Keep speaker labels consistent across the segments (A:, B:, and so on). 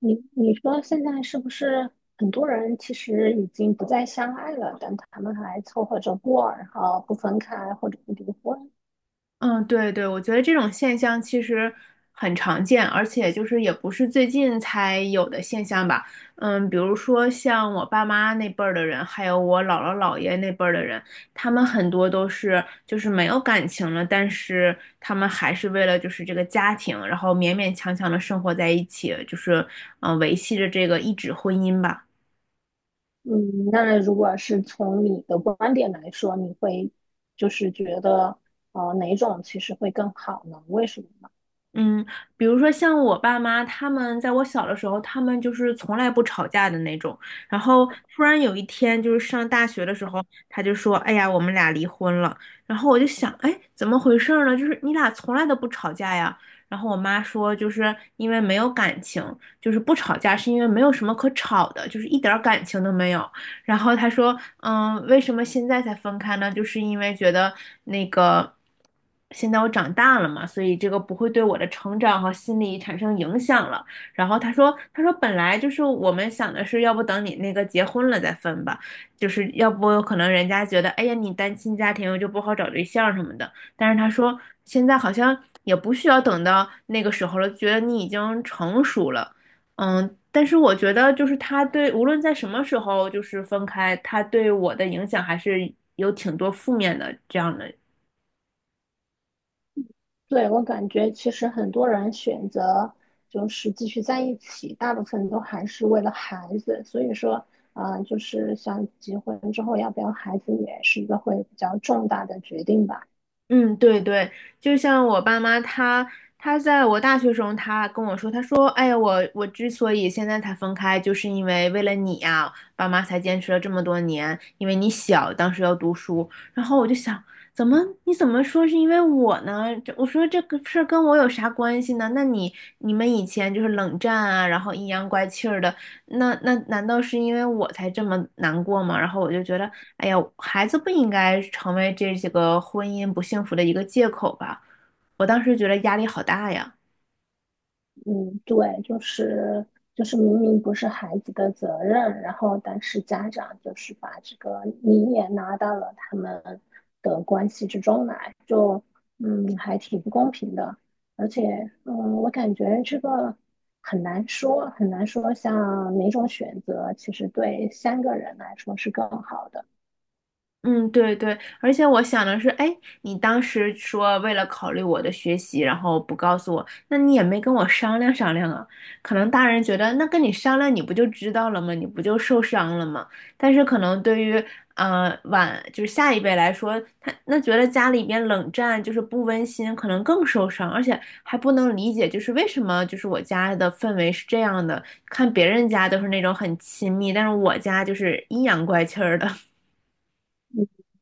A: 你说现在是不是很多人其实已经不再相爱了，但他们还凑合着过，然后不分开或者不离婚？
B: 嗯，对对，我觉得这种现象其实很常见，而且就是也不是最近才有的现象吧。嗯，比如说像我爸妈那辈儿的人，还有我姥姥姥爷那辈儿的人，他们很多都是就是没有感情了，但是他们还是为了就是这个家庭，然后勉勉强强的生活在一起，就是维系着这个一纸婚姻吧。
A: 嗯，那如果是从你的观点来说，你会就是觉得哪种其实会更好呢？为什么呢？
B: 嗯，比如说像我爸妈，他们在我小的时候，他们就是从来不吵架的那种。然后突然有一天，就是上大学的时候，他就说：“哎呀，我们俩离婚了。”然后我就想：“哎，怎么回事儿呢？就是你俩从来都不吵架呀？”然后我妈说：“就是因为没有感情，就是不吵架是因为没有什么可吵的，就是一点儿感情都没有。”然后他说，嗯，为什么现在才分开呢？就是因为觉得那个现在我长大了嘛，所以这个不会对我的成长和心理产生影响了。然后他说，他说本来就是我们想的是，要不等你那个结婚了再分吧，就是要不可能人家觉得，哎呀，你单亲家庭就不好找对象什么的。但是他说，现在好像也不需要等到那个时候了，觉得你已经成熟了。嗯，但是我觉得就是他对，无论在什么时候就是分开，他对我的影响还是有挺多负面的这样的。
A: 对，我感觉其实很多人选择就是继续在一起，大部分都还是为了孩子。所以说，就是想结婚之后要不要孩子，也是一个会比较重大的决定吧。
B: 嗯，对对，就像我爸妈他，他在我大学时候，他跟我说，他说，哎呀，我之所以现在才分开，就是因为为了你呀、爸妈才坚持了这么多年，因为你小，当时要读书。然后我就想，怎么你怎么说是因为我呢？这我说这个事儿跟我有啥关系呢？那你们以前就是冷战啊，然后阴阳怪气儿的，那难道是因为我才这么难过吗？然后我就觉得，哎呀，孩子不应该成为这几个婚姻不幸福的一个借口吧。我当时觉得压力好大呀。
A: 嗯，对，就是明明不是孩子的责任，然后但是家长就是把这个你也拉到了他们的关系之中来，就还挺不公平的。而且嗯，我感觉这个很难说，很难说像哪种选择其实对三个人来说是更好的。
B: 嗯，对对，而且我想的是，哎，你当时说为了考虑我的学习，然后不告诉我，那你也没跟我商量商量啊？可能大人觉得，那跟你商量，你不就知道了吗？你不就受伤了吗？但是可能对于就是下一辈来说，他那觉得家里边冷战就是不温馨，可能更受伤，而且还不能理解，就是为什么就是我家的氛围是这样的，看别人家都是那种很亲密，但是我家就是阴阳怪气儿的。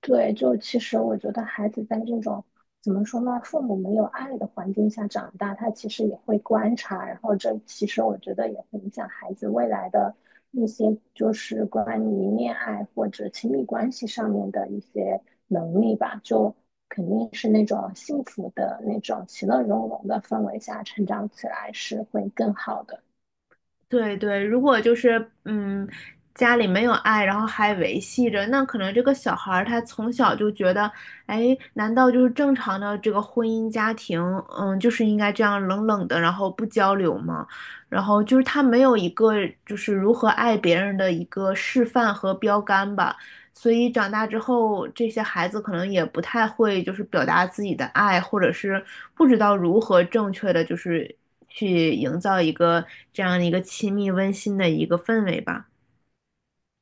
A: 对，就其实我觉得孩子在这种怎么说呢，父母没有爱的环境下长大，他其实也会观察，然后这其实我觉得也会影响孩子未来的一些就是关于恋爱或者亲密关系上面的一些能力吧。就肯定是那种幸福的那种其乐融融的氛围下成长起来是会更好的。
B: 对对，如果就是家里没有爱，然后还维系着，那可能这个小孩儿他从小就觉得，哎，难道就是正常的这个婚姻家庭，嗯，就是应该这样冷冷的，然后不交流吗？然后就是他没有一个就是如何爱别人的一个示范和标杆吧，所以长大之后，这些孩子可能也不太会就是表达自己的爱，或者是不知道如何正确的就是去营造一个这样的一个亲密温馨的一个氛围吧。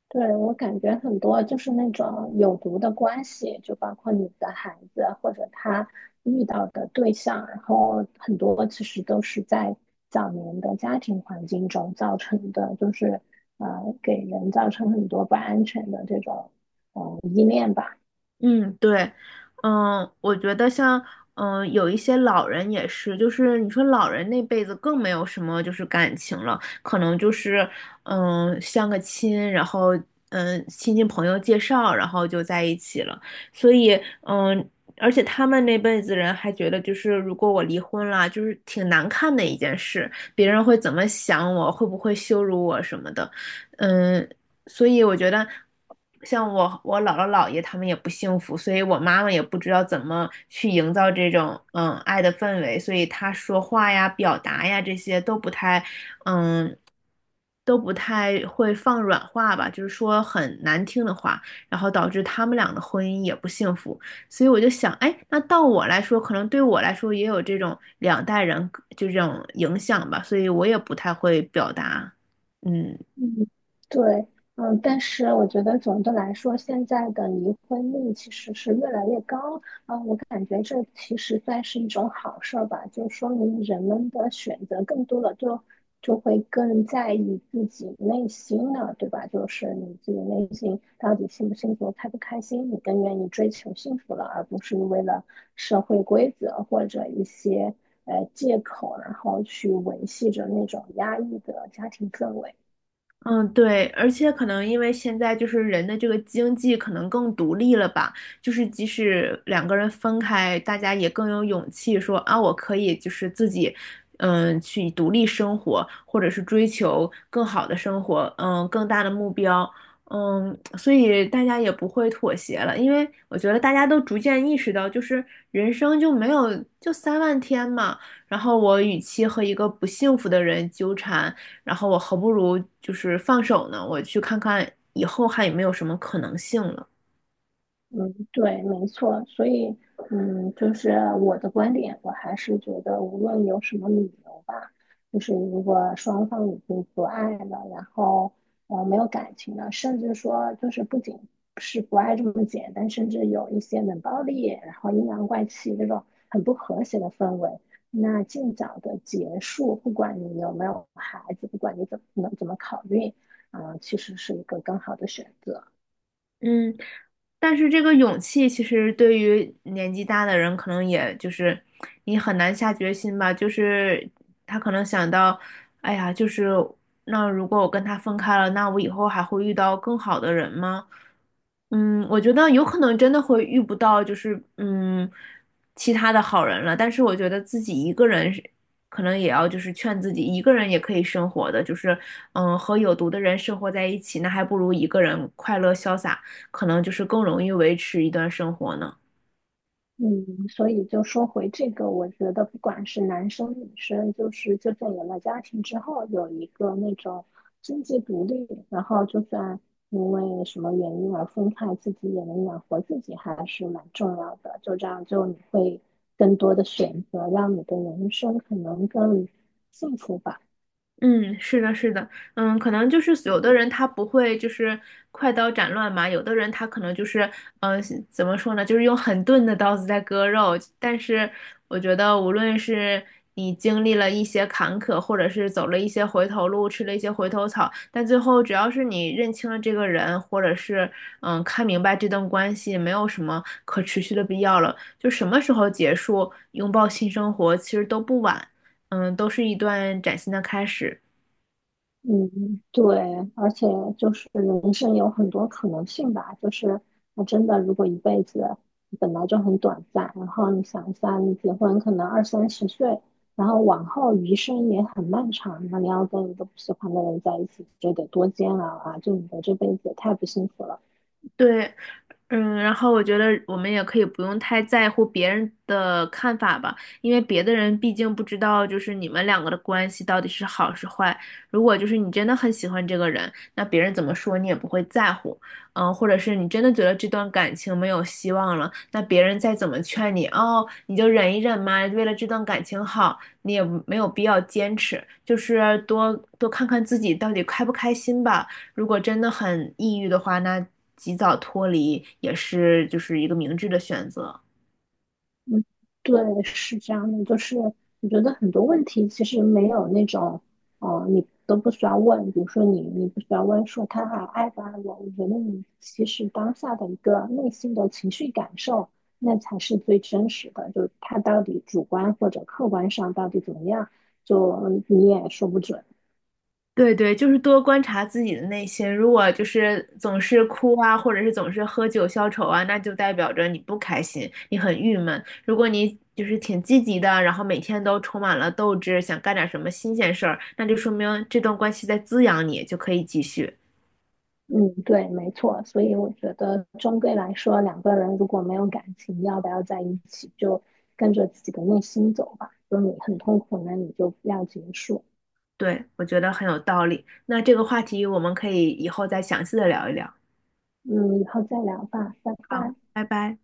A: 对，我感觉很多就是那种有毒的关系，就包括你的孩子或者他遇到的对象，然后很多其实都是在早年的家庭环境中造成的，就是呃给人造成很多不安全的这种依恋吧。
B: 嗯，对，我觉得像，有一些老人也是，就是你说老人那辈子更没有什么就是感情了，可能就是，相个亲，然后，亲戚朋友介绍，然后就在一起了，所以，而且他们那辈子人还觉得，就是如果我离婚了，就是挺难看的一件事，别人会怎么想我，会不会羞辱我什么的，嗯。所以我觉得，像我姥姥姥爷他们也不幸福，所以我妈妈也不知道怎么去营造这种爱的氛围，所以她说话呀、表达呀这些都不太嗯都不太会放软话吧，就是说很难听的话，然后导致他们俩的婚姻也不幸福。所以我就想，哎，那到我来说，可能对我来说也有这种两代人就这种影响吧，所以我也不太会表达，嗯，
A: 嗯，对，嗯，但是我觉得总的来说，现在的离婚率其实是越来越高，嗯，我感觉这其实算是一种好事儿吧，就说明人们的选择更多了，就会更在意自己内心了，对吧？就是你自己内心到底幸不幸福、开不开心，你更愿意追求幸福了，而不是为了社会规则或者一些借口，然后去维系着那种压抑的家庭氛围。
B: 嗯，对，而且可能因为现在就是人的这个经济可能更独立了吧，就是即使两个人分开，大家也更有勇气说啊，我可以就是自己，去独立生活，或者是追求更好的生活，更大的目标，所以大家也不会妥协了，因为我觉得大家都逐渐意识到，就是人生就没有就3万天嘛，然后我与其和一个不幸福的人纠缠。然后我何不如就是放手呢？我去看看以后还有没有什么可能性了。
A: 嗯，对，没错，所以，嗯，就是我的观点，我还是觉得，无论有什么理由吧，就是如果双方已经不爱了，然后没有感情了，甚至说就是不仅是不爱这么简单，甚至有一些冷暴力，然后阴阳怪气这种很不和谐的氛围，那尽早的结束，不管你有没有孩子，不管你怎么考虑，其实是一个更好的选择。
B: 嗯，但是这个勇气，其实对于年纪大的人，可能也就是你很难下决心吧。就是他可能想到，哎呀，就是那如果我跟他分开了，那我以后还会遇到更好的人吗？嗯，我觉得有可能真的会遇不到，就是其他的好人了。但是我觉得自己一个人是，可能也要就是劝自己，一个人也可以生活的，就是和有毒的人生活在一起，那还不如一个人快乐潇洒。可能就是更容易维持一段生活呢？
A: 嗯，所以就说回这个，我觉得不管是男生女生，就是就算有了家庭之后，有一个那种经济独立，然后就算因为什么原因而分开，自己也能养活自己，还是蛮重要的。就这样，就你会更多的选择，让你的人生可能更幸福吧。
B: 嗯，是的，是的，可能就是有的人他不会就是快刀斩乱麻，有的人他可能就是，嗯，怎么说呢，就是用很钝的刀子在割肉。但是我觉得，无论是你经历了一些坎坷，或者是走了一些回头路，吃了一些回头草，但最后只要是你认清了这个人，或者是看明白这段关系没有什么可持续的必要了，就什么时候结束，拥抱新生活，其实都不晚，嗯，都是一段崭新的开始。
A: 嗯，对，而且就是人生有很多可能性吧，就是那真的，如果一辈子本来就很短暂，然后你想一下，你结婚可能二三十岁，然后往后余生也很漫长，那你要跟一个不喜欢的人在一起，这得多煎熬啊！就你的这辈子也太不幸福了。
B: 对，然后我觉得我们也可以不用太在乎别人的看法吧，因为别的人毕竟不知道就是你们两个的关系到底是好是坏。如果就是你真的很喜欢这个人，那别人怎么说你也不会在乎，或者是你真的觉得这段感情没有希望了，那别人再怎么劝你，哦，你就忍一忍嘛，为了这段感情好，你也没有必要坚持，就是多多看看自己到底开不开心吧。如果真的很抑郁的话，那及早脱离也是就是一个明智的选择。
A: 嗯，对，是这样的，就是我觉得很多问题其实没有那种，哦、你都不需要问，比如说你不需要问说他还爱不爱我，我觉得你其实当下的一个内心的情绪感受，那才是最真实的，就他到底主观或者客观上到底怎么样，就你也说不准。
B: 对对，就是多观察自己的内心。如果就是总是哭啊，或者是总是喝酒消愁啊，那就代表着你不开心，你很郁闷。如果你就是挺积极的，然后每天都充满了斗志，想干点什么新鲜事儿，那就说明这段关系在滋养你，就可以继续。
A: 嗯，对，没错，所以我觉得终归来说，两个人如果没有感情，要不要在一起，就跟着自己的内心走吧。如果你很痛苦那你就不要结束。
B: 对，我觉得很有道理。那这个话题我们可以以后再详细的聊一聊。
A: 嗯，以后再聊吧，拜
B: 好，
A: 拜。
B: 拜拜。